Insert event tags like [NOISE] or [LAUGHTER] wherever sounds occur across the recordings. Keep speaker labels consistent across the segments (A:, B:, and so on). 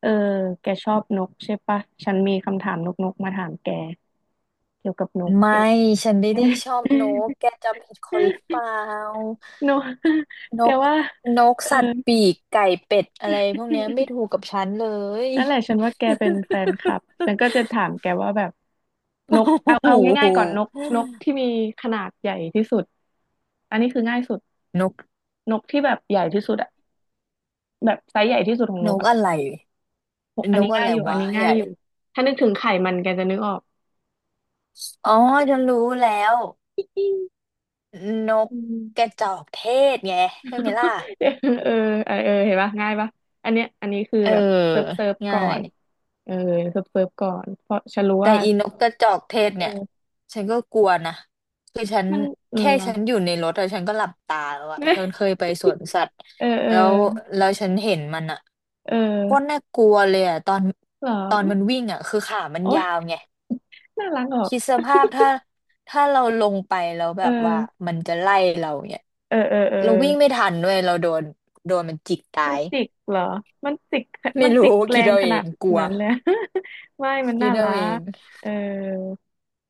A: เออแกชอบนกใช่ปะฉันมีคำถามนกมาถามแกเกี่ยวกับนกแก
B: ไม่
A: [LAUGHS]
B: ฉันไม่ได้ชอบนกแกจำผิดคนหรือเปล่า
A: นก
B: น
A: แก
B: ก
A: ว่า
B: นก
A: เออ
B: สัตว์ปีกไก่เป็ดอะไรพวกเนี้ยไม่ถู
A: [LAUGHS]
B: กกับฉันเลย
A: นั่นแหละฉันว่าแกเป็นแฟนคลับ ฉันก็จะถามแกว่าแบบนกเอา
B: [LAUGHS]
A: เอา
B: โอ้โห
A: ง่ายๆก่อนนกนกที่มีขนาดใหญ่ที่สุด อันนี้คือง่ายสุด
B: นก
A: นกที่แบบใหญ่ที่สุดอะแบบไซส์ใหญ่ที่สุดของน
B: น
A: ก
B: ก
A: อะ
B: อะไร
A: อั
B: น
A: นนี้
B: กอะ
A: ง่าย
B: ไร
A: อยู่อัน
B: วะ
A: นี้
B: ให
A: ง่าย
B: ญ่
A: อยู่ ถ้านึกถึงไข่มันแกจะนึกออก
B: อ๋อฉันรู้แล้ว
A: [LAUGHS]
B: นก
A: อืม
B: กระจอกเทศไงใช่ไหมล่ะ
A: [LAUGHS] เออเออเออเห็นปะง่ายปะอันเนี้ยอันนี้คือ
B: เออ
A: แบบเซิร์ฟก่
B: ง่า
A: อ
B: ย
A: นเออเซิร์ฟก่อนเพราะฉันรู้
B: แต่
A: ว่า
B: อีนกกระจอกเทศเนี่ย
A: เออ
B: ฉันก็กลัวนะคือฉัน
A: มันเออ
B: แค่ฉันอยู่ในรถอะฉันก็หลับตาแล้วอะฉัน
A: [LAUGHS]
B: เคยไปสวนสัตว์
A: เออเอ
B: แล้ว
A: อ
B: ฉันเห็นมันอะ
A: เอ
B: โคตร
A: อ
B: น่ากลัวเลยอะตอน
A: เหรอ
B: ตอนมันวิ่งอะคือขามัน
A: โอ้
B: ยาว
A: ย
B: ไง
A: น่ารักออก
B: คิดสภาพถ้าเราลงไปแล้ว
A: เอ
B: แบ
A: อ
B: บว่ามันจะไล่เราเนี่ย
A: เออเออเออ
B: เราวิ่งไม่ทันด้วยเราโดนมันจิก
A: มั
B: ตา
A: น
B: ย
A: จิกเหรอมันจิก
B: ไม่
A: มันจิ
B: รู้
A: กแร
B: คิด
A: ง
B: เอา
A: ข
B: เอ
A: นา
B: ง
A: ด
B: กลัว
A: นั้นเลย [LAUGHS] ไม่มัน
B: คิ
A: น่า
B: ดเอา
A: รั
B: เอ
A: ก
B: ง
A: เออ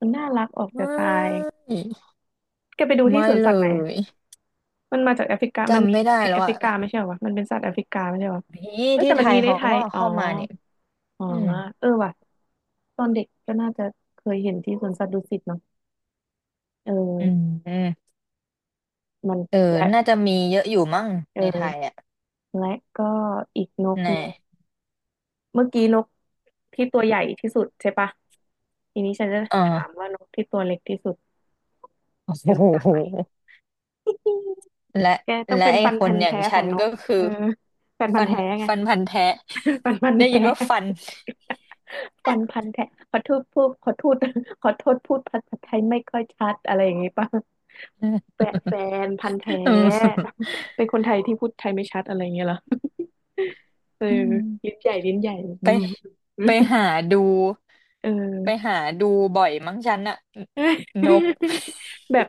A: มันน่ารักออก
B: ไม
A: จะตาย
B: ่
A: แกไปดูที่
B: ไม่
A: สวน
B: เล
A: สัตว์ไหน
B: ย
A: มันมาจากแอฟริกามัน
B: จำ
A: มี
B: ไม่ได้
A: ใน
B: แล้
A: แอ
B: ว
A: ฟ
B: อ่ะ
A: ริกาไม่ใช่เหรอวะมันเป็นสัตว์แอฟริกาไม่ใช่เหรอวะ
B: นี่
A: เอ้ย
B: ที่
A: แต่
B: ไท
A: มัน
B: ย
A: มีใน
B: เขา
A: ไท
B: ก็
A: ย
B: เอา
A: อ๋อ
B: เข้ามาเนี่ย
A: อ๋อ
B: อืม
A: เออว่ะตอนเด็กก็น่าจะเคยเห็นที่สวนสัตว์ดุสิตเนาะเอ
B: อืม
A: อ
B: อืม
A: มัน
B: เออ
A: และ
B: น่าจะมีเยอะอยู่มั้งในไท
A: เออ
B: ยอ่ะ
A: และก็อีกนก
B: แน่
A: หนึ่งเมื่อกี้นกที่ตัวใหญ่ที่สุดใช่ปะทีนี้ฉันจะ
B: เอ
A: ถา
B: อ
A: มว่านกที่ตัวเล็กที่สุดแก
B: โอ้
A: รู้จัก
B: โห
A: ไหม [LAUGHS]
B: และ
A: แกต้อง
B: และ
A: เป็น
B: ไอ้
A: ฟัน
B: ค
A: พั
B: น
A: นธุ์
B: อย่า
A: แท้
B: ง
A: ขอ
B: ฉั
A: ง
B: น
A: นก
B: ก็คื
A: เอ
B: อ
A: อแฟนพัน
B: ฟั
A: ธุ์
B: น
A: แท้ไง
B: พันธุ์แท้
A: ฟันพัน
B: [LAUGHS] ได้ยิ
A: แท้
B: นว่าฟัน
A: ฟันพันแท้ ขอโทษพูดขอโทษขอโทษพูดภาษาไทยไม่ค่อยชัดอะไรอย่างงี้ป่ะ
B: อืม
A: แฟนพันธุ์แท้ เป็นคนไทยที่พูดไทยไม่ชัดอะไรอย่างเงี้ยเหรอเออ
B: อืม
A: ลิ้นใหญ่ลิ้นใหญ่
B: ไป
A: อืม
B: หาดู
A: เอ
B: ไป
A: อ
B: หาดูบ่อยมั้งฉันอะนก
A: [LAUGHS] แบบ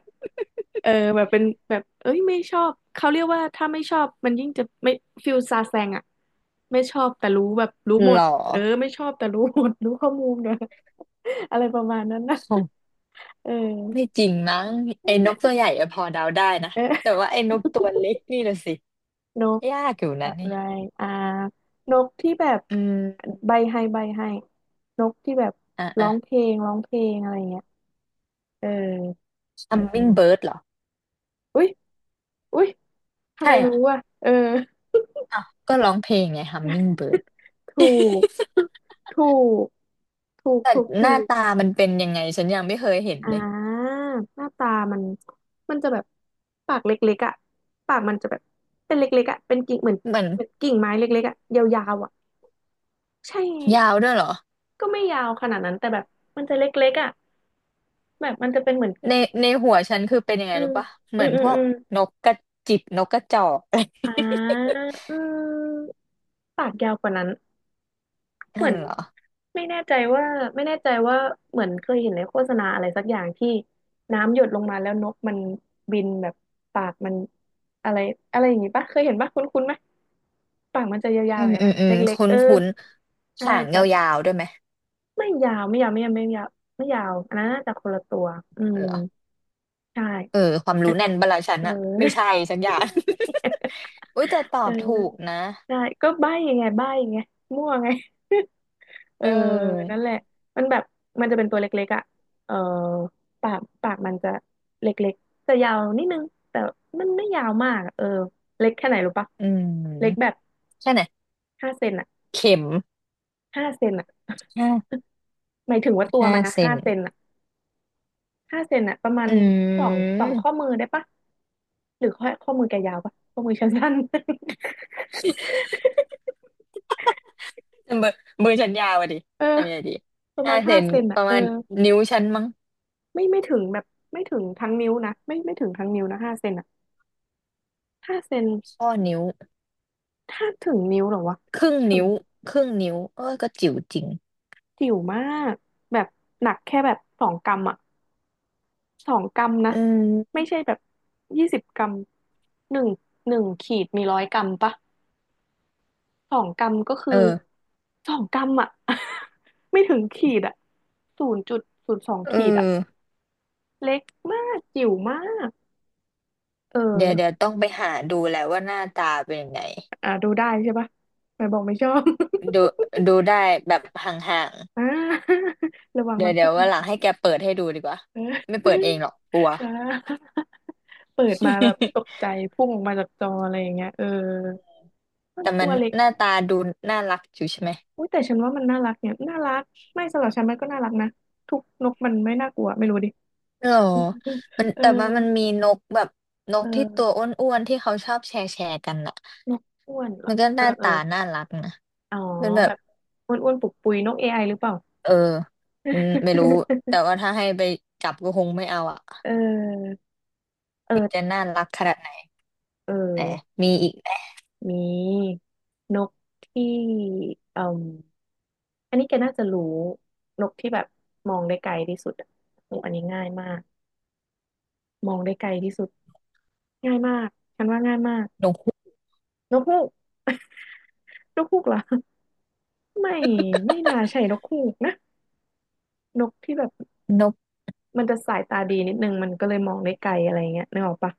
A: เออแบบเป็นแบบเอ้ยไม่ชอบเขาเรียกว่าถ้าไม่ชอบมันยิ่งจะไม่ฟิลซาแซงอะไม่ชอบแต่รู้แบบรู้หม
B: หร
A: ด
B: อ
A: เออไม่ชอบแต่รู้หมดรู้ข้อมูลเนอะอะไรประมาณนั้นนะเอ
B: ไม่
A: อ
B: จริงมั้งไอ้นกตัวใหญ่อะพอเดาได้นะ
A: เออ
B: แต่ว่าไอ้นกตัวเล็กนี่ละสิ
A: นก
B: ยากอยู่นะ
A: อะ
B: นี่
A: ไรอ่านกที่แบบ
B: อืม
A: ใบให้นกที่แบบ
B: อ่ะ
A: ร้อ
B: อ่ะ
A: งเพลงร้องเพลงอะไรเงี้ยเออ
B: hummingbird เหรอ
A: อุ๊ยอุ๊ยทำ
B: ใช่
A: ไม
B: เหร
A: รู้
B: อ
A: อ่ะเออ
B: อ้าวก็ร้องเพลงไง hummingbird
A: ถูก [LAUGHS] ถูกถูก
B: แต่
A: ถูก
B: ห
A: ถู
B: น้า
A: ก
B: ตามันเป็นยังไงฉันยังไม่เคยเห็น
A: อ่
B: เลย
A: าหน้าตามันมันจะแบบปากเล็กๆอ่ะปากมันจะแบบเป็นเล็กๆอ่ะเป็นกิ่งเหมือน
B: มัน
A: เหมือนกิ่งไม้เล็กๆอ่ะยาวๆอ่ะใช่
B: ยาวด้วยเหรอ
A: ก็ไม่ยาวขนาดนั้นแต่แบบมันจะเล็กๆอ่ะแบบมันจะเป็นเหมือน
B: ในในหัวฉันคือเป็นยังไง
A: อื
B: รู้
A: ม
B: ปะเห
A: อื
B: มือ
A: ม
B: น
A: อื
B: พ
A: ม
B: วก
A: อืม
B: นกกระจิบนกกระจอก
A: อ่าอืมปากยาวกว่านั้น
B: [LAUGHS]
A: เหมื
B: นั่
A: อ
B: น
A: น
B: เหรอ
A: ไม่แน่ใจว่าไม่แน่ใจว่าเหมือนเคยเห็นในโฆษณาอะไรสักอย่างที่น้ำหยดลงมาแล้วนกมันบินแบบปากมันอะไรอะไรอย่างงี้ปะเคยเห็นปะคุ้นๆไหม ปากมันจะยา
B: อื
A: วๆ
B: ม
A: อย่าง
B: อื
A: นั้
B: ม
A: น
B: อื
A: นะเ
B: ม
A: ล็ก
B: คุ้
A: ๆ
B: น
A: เออ
B: คุ้น
A: ใช่
B: หางย
A: แต่
B: าวๆด้วยไหม
A: ไม่ยาวไม่ยาวไม่ยาวไม่ยาวไม่ยาวอันนั้นน่าจะคนละตัวอืม
B: เหรอ
A: ใช่
B: เออความ
A: อั
B: รู้
A: น
B: แน่นบลาฉัน
A: เอ
B: อะไม่ใช่
A: อ
B: สักอย่าง อุ้ยแต่ต
A: เอ
B: อ
A: อ
B: บถูกนะ
A: ใช่ก็ใบ้ยังไงใบ้ยังไงมั่วไง [LAUGHS] เอ
B: เ
A: อ
B: ออ
A: นั่นแหละมันแบบมันจะเป็นตัวเล็กๆอ่ะเออปากมันจะเล็กๆแต่ยาวนิดนึงแต่มันไม่ยาวมากอะเออเล็กแค่ไหนรู้ปะ
B: อื
A: เล็ก
B: ม
A: แบบ
B: ใช่ไหม
A: ห้าเซนอ่ะ
B: เข็ม
A: ห้าเซนอ่ะ [LAUGHS]
B: ห้า
A: หมายถึงว่าตัวมันนะ
B: เซ
A: ห้า
B: น
A: เซนอ่ะ ห้าเซนอะประมาณ
B: อื
A: สองสองข้อ
B: ม
A: มือได้ปะหรือข้อมือแกยาวปะข้อมือฉันสั้น [LAUGHS]
B: [LAUGHS] เบอร์ฉันยาวอะดิ
A: เออ
B: ทำยังไงดี
A: ประ
B: ห้า
A: มาณ
B: เซ
A: ห้า
B: น
A: เซน
B: ป
A: อะ
B: ระ
A: เออ
B: มาณนิ้วฉันมั้ง
A: ไม่ถึงแบบไม่ถึงทั้งนิ้วนะไม่ถึงทั้งนิ้วนะห้าเซนอะห้าเซน
B: ข้อนิ้ว
A: ถ้าถึงนิ้วเหรอวะ
B: ครึ่ง
A: ถึง
B: นิ้วครึ่งนิ้วเออก็จิ๋วจริง
A: จิ๋วมากแบบหนักแค่แบบสองกรัมอะสองกรัมนะ
B: อื
A: ไม่
B: ม
A: ใช่แบบ20 กรัมหนึ่งหนึ่งขีดมี100 กรัมปะ สองกรัมก็คือ
B: เออ
A: 2 กรัมอ่ะ [LAUGHS] ไม่ถึงขีดอ่ะ0.02
B: เอ
A: ขีดอ่ะ
B: อ
A: มากจิ๋วมากเอ
B: เดี๋ยวเดี๋ยว
A: อ
B: ต้องไปหาดูแหละว่าหน้าตาเป็นยังไง
A: อ่าดูได้ใช่ปะไม่บอกไม่ชอบ [LAUGHS]
B: ดูดูได้แบบห่าง
A: อ่าระวั
B: ๆ
A: ง
B: เดี๋
A: มั
B: ย
A: น
B: วเดี๋ย
A: พุ่
B: ว
A: ง
B: วันหลังให้แกเปิดให้ดูดีกว่า
A: เออ
B: ไม่เปิดเองหรอกกลัว
A: อ่าเปิดมาแบบตก
B: [LAUGHS]
A: ใจพุ่งออกมาจากจออะไรอย่างเงี้ยเออมัน
B: แต่
A: ตั
B: มัน
A: วเล็ก
B: หน้าตาดูน่ารักอยู่ใช่ไหม
A: อุ้ยแต่ฉันว่ามันน่ารักเนี่ยน่ารักไม่สำหรับฉันมันก็น่ารักนะทุกนกมันไม่น่ากลัวไม่รู้ดิ
B: หรอ
A: [LAUGHS]
B: มัน
A: เออ
B: แต่ว่ามันมีนกแบบน
A: เ
B: กที่ตัว
A: ออ
B: อ้วนๆที่เขาชอบแชร์แชร์กันอะ
A: นกอ้วนเหรอ
B: มันก็
A: เอ
B: ห
A: อ
B: น้า
A: เออ
B: ตาน่ารักนะ
A: อ๋อ
B: มันแบ
A: แบ
B: บ
A: บอ้วนอ้วนปุกปุยนกเอไอหรือเปล่า
B: เอออืมไม่รู้แต่ว่า
A: [LAUGHS]
B: ถ้าให้ไปจับก็คงไม่เอาอ่ะ
A: เออเอ
B: มั
A: อ
B: นจะน่ารักขนาดไหน
A: เอ
B: แหน
A: อ
B: มีอีกไหม
A: มีนกที่อืมอันนี้แกน่าจะรู้นกที่แบบมองได้ไกลที่สุดอะโอ้อันนี้ง่ายมากมองได้ไกลที่สุดง่ายมากฉันว่าง่ายมาก
B: นกฮูก
A: นกฮูก [LAUGHS] นกฮูกเหรอไม่ไม่น่าใช่นกฮูกนะนกที่แบบ
B: นก
A: มันจะสายตาดีนิดนึงมันก็เลยมองได้ไกลอะไรเงี้ยนึกออกปะ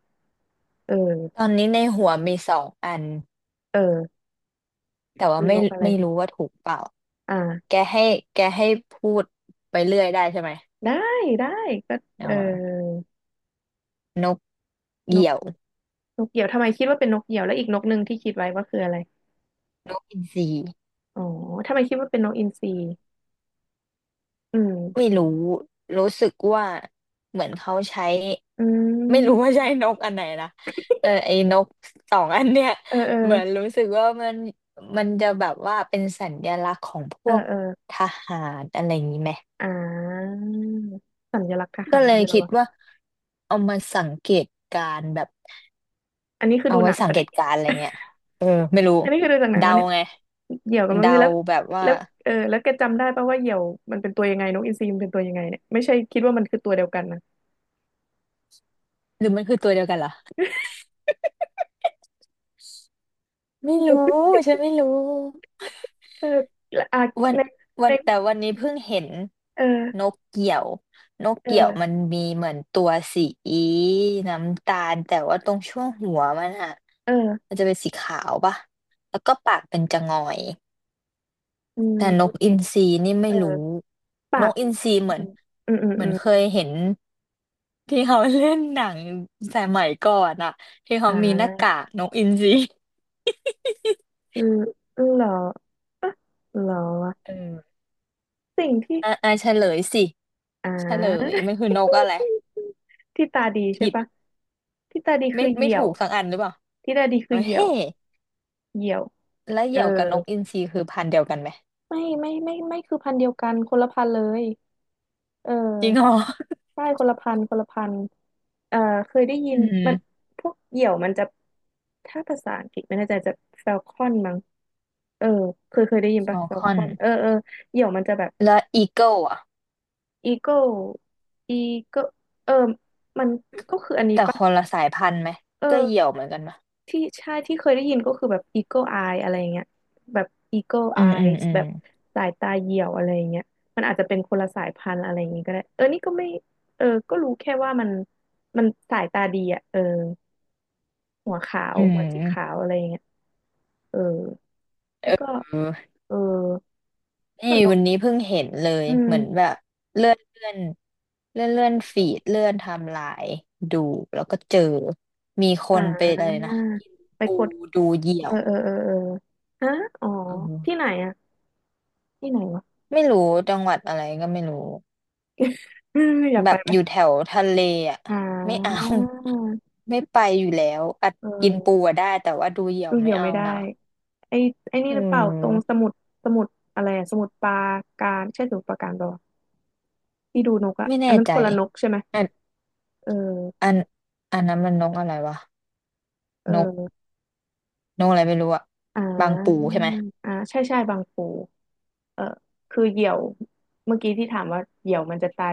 A: เออ
B: ตอนนี้ในหัวมีสองอัน
A: เออ
B: แต่ว่า
A: มีนกอะไร
B: ไม่รู้ว่าถูกเปล่าแก
A: อ่า
B: ให้แกให้พูดไปเรื่อยได้ใช่ไหม
A: ได้ได้ก็
B: เอ
A: เออ
B: ่นกเห
A: นก
B: ยี่ยวน
A: นกเหยี่ยวทำไมคิดว่าเป็นนกเหยี่ยวแล้วอีกนกหนึ่งที่คิดไว้ว่าคืออะไร
B: กอินทรี
A: อ๋อทำไมคิดว่าเป็นนกอินทรีอืม
B: ไม่รู้รู้สึกว่าเหมือนเขาใช้
A: อื
B: ไม่รู้ว่า
A: ม
B: ใช้นกอันไหนนะแต่ไอ้นกสองอันเนี้ย
A: เออเออ
B: เหมือนรู้สึกว่ามันจะแบบว่าเป็นสัญลักษณ์ของพ
A: เออ
B: วก
A: เออ
B: ทหารอะไรอย่างนี้ไหม
A: อ่าสัญลักษณ์ท
B: ก็
A: หาร
B: เลย
A: ด้วยเหรอ
B: คิด
A: วะ
B: ว่าเอามาสังเกตการณ์แบบ
A: อันนี้คือ
B: เอา
A: ดูห
B: ไว้
A: นัง
B: สัง
A: ปะ
B: เก
A: เนี่ย
B: ตการณ์อะไรเงี้ยเออไม่รู้
A: อันนี้คือดูจากหนัง
B: เดา
A: วะเนี่ย
B: ไง
A: เหยี่ยวกับนกอินท
B: เดา
A: รีแล้ว
B: แบบว่า
A: แล้วเออแล้วแกจำได้ปะว่าเหยี่ยวมันเป็นตัวยังไงนกอินทรีมันเป็นตัวยังไงเนี่ยไม่ใช่คิดว่ามันคือตัวเดียวกันนะ
B: หรือมันคือตัวเดียวกันเหรอไม่รู้ฉันไม่รู้
A: เออและอ่ะ
B: วัน
A: ในใน
B: แต่วันนี้เพิ่งเห็น
A: เอ
B: น
A: อ
B: กเกี่ยวนกเกี่ยว
A: เออ
B: มันมีเหมือนตัวสีน้ำตาลแต่ว่าตรงช่วงหัวมันอะ
A: เออ
B: มันจะเป็นสีขาวป่ะแล้วก็ปากเป็นจะงอย
A: อืม
B: แต่น
A: โอ
B: ก
A: เค
B: อินทรีนี่ไม่
A: เออ
B: รู้
A: ปา
B: น
A: ก
B: กอินทรี
A: อืมอืมอืม
B: เหมือนเคยเห็นที่เขาเล่นหนังสมัยก่อนอะที่
A: อ่
B: เขามีหน้ากา
A: า
B: กนกอินทรี
A: เออเหรออ่ะเหรอวะ
B: เออ [LAUGHS]
A: สิ่งที่
B: อ่ะอ่าเฉลยสิ
A: อ่
B: เฉลย
A: า
B: มันคือนกอะไร
A: [LAUGHS] ที่ตาดีใช่
B: ผิด
A: ปะที่ตาดีคือเห
B: ไม่
A: ยี่ย
B: ถู
A: ว
B: กสักอันหรือเปล่า
A: ที่ตาดีคือเหยี่ย
B: เฮ้
A: ว
B: ย
A: เหยี่ยว
B: แล้วเห
A: เออ
B: ยี่ยวกับนกอินทรีคือพันธุ์เดียวกันไหม
A: ไม่คือพันธุ์เดียวกันคนละพันธุ์เลยเอ
B: จริงเหรอ
A: อ ป้ายคนละพันเอ่อเคยได้ยิ
B: อื
A: น มัน
B: ม
A: พวกเหยี่ยวมันจะ ถ้าภาษาอังกฤษไม่แน่ใจจะแฟลคอนมั้งเออเคยได้ยิน
B: ฟ
A: ปะ
B: อล
A: แฟ
B: ค
A: ลค
B: อน
A: อนเออเออเหยี่ยวมันจะแบบ
B: แล้วอีเกิลอ่ะ
A: อีโก้อีโก้เออมันก็คืออันนี้
B: แต่
A: ปะ
B: คนละสายพันธุ์ไหม
A: เอ
B: ก็
A: อ
B: เหยี่ยวเหมือนกันปะ
A: ที่ใช่ที่เคยได้ยินก็คือแบบ Eagle Eye อะไรอย่างเงี้ยแบบ Eagle
B: อืมอืม
A: Eyes
B: อื
A: แบ
B: ม
A: บสายตาเหยี่ยวอะไรอย่างเงี้ยมันอาจจะเป็นคนละสายพันธุ์อะไรอย่างงี้ก็ได้เออนี่ก็ไม่เออก็รู้แค่ว่ามันสายตาดีอ่ะเออหัวขาว
B: อื
A: หัวสีขา
B: ม
A: วอะไรอย่างเงี้ยเออแล้วก็
B: เออ
A: เออ
B: นี่
A: ส่วนนก
B: วันนี้เพิ่งเห็นเลย
A: อื
B: เหมือนแบ
A: ม
B: บเลื่อนเลื่อนเลื่อนเลื่อนฟีดเลื่อนไทม์ไลน์ดูแล้วก็เจอมีค
A: อ่
B: นไปอะไร
A: า
B: นะกิน
A: ไป
B: ปู
A: กด
B: ดูเหยี่ย
A: เอ
B: ว
A: อเออเออเออฮะอ๋อ
B: เออ
A: ที่ไหนอ่ะที่ไหนวะ
B: ไม่รู้จังหวัดอะไรก็ไม่รู้
A: อืมอยาก
B: แบ
A: ไป
B: บ
A: ไหม
B: อยู่แถวทะเลอ่ะ
A: อ่
B: ไม่เอา
A: า
B: [LAUGHS] ไม่ไปอยู่แล้วอัด
A: เออ
B: กินปูอะได้แต่ว่าดูเหยี่ย
A: ดู
B: วไม่
A: เหี่ยว
B: เอา
A: ไม่ได้
B: นะ
A: ไอ้ไอ้นี่
B: อื
A: หรือเปล่าตรงส
B: ม
A: มุดสมุดอะไรอะสมุดปราการใช่สมุดปราการเปล่าวะที่ดูนกอะ
B: ไม่
A: อัน
B: แน่
A: นั้น
B: ใจ
A: คนละนกใช่ไหม
B: อัน
A: เออ
B: อันอันนั้นมันนกอะไรวะ
A: เ
B: นก
A: ออ
B: นกอะไรไม่รู้อะ
A: อ่
B: บางปู
A: า
B: ใช่ไหม
A: อ่าใช่ใช่บางปูเออคือเหยี่ยวเมื่อกี้ที่ถามว่าเหยี่ยวมันจะตา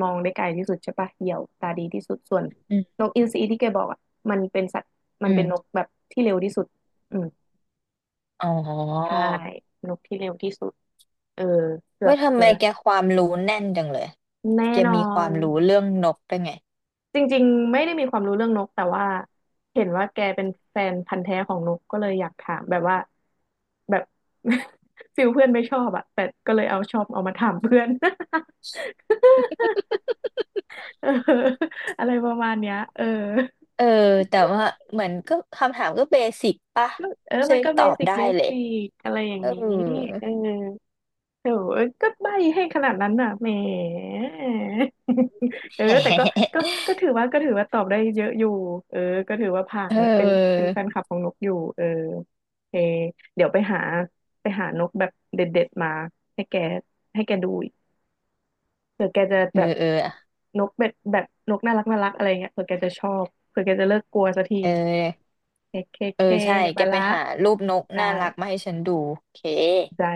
A: มองได้ไกลที่สุดใช่ปะเหยี่ยวตาดีที่สุดส่วน
B: อืม
A: นกอินทรีที่แกบอกอะมันเป็นสัตว์มั
B: อื
A: นเป็นนก
B: ม
A: แบบที่เร็วที่สุดอืม
B: อ๋
A: ใช่
B: อ
A: นกที่เร็วที่สุดเออ
B: เว้ยทำ
A: เกื
B: ไม
A: อบแล้ว
B: แกความรู้แน่นจังเลย
A: แน่
B: แก
A: นอ
B: มีควา
A: น
B: มรู้เรื่องนกได้ไง
A: จริงๆไม่ได้มีความรู้เรื่องนกแต่ว่าเห็นว่าแกเป็นแฟนพันธุ์แท้ของนกก็เลยอยากถามแบบว่าแบบ [LAUGHS] ฟิลเพื่อนไม่ชอบอะแต่ก็เลยเอามาถามเพื่อน [LAUGHS] เอออะไรประมาณเนี้ยเออ
B: เออแต่ว่าเหมือนก็คำถามก็เบสิกป่ะ
A: ก็เออมั
B: ซึ่
A: น
B: ง
A: ก็
B: ต
A: เบ
B: อบ
A: สิก
B: ได้เลย
A: สิอะไรอย่าง
B: เออ
A: นี้เออ เออก็ใบให้ขนาดนั้นน่ะแหม [LAUGHS] เออแต่ก็ก็
B: [LAUGHS]
A: ก็ถือว่าตอบได้เยอะอยู่เออก็ถือว่าผ่า
B: เ
A: นเนี่ย
B: ออ
A: เป็นแฟนคลับของนกอยู่เออโอเคเดี๋ยวไปหาไปหานกแบบเด็ดๆมาให้แกให้แกดูอีกเผื่อแกจะ
B: เอ
A: แบ
B: อ
A: บ
B: เออ
A: นกแบบนกน่ารักอะไรเงี้ยเผื่อแกจะชอบเผื่อแกจะเลิกกลัวสักที
B: เออ
A: เคเค
B: เออ
A: เค
B: ใช่
A: เดี๋ยว
B: แก
A: ไป
B: ไป
A: ละ
B: หารูปนก
A: ได้
B: น่ารักมาให้ฉันดูโอเค
A: ได้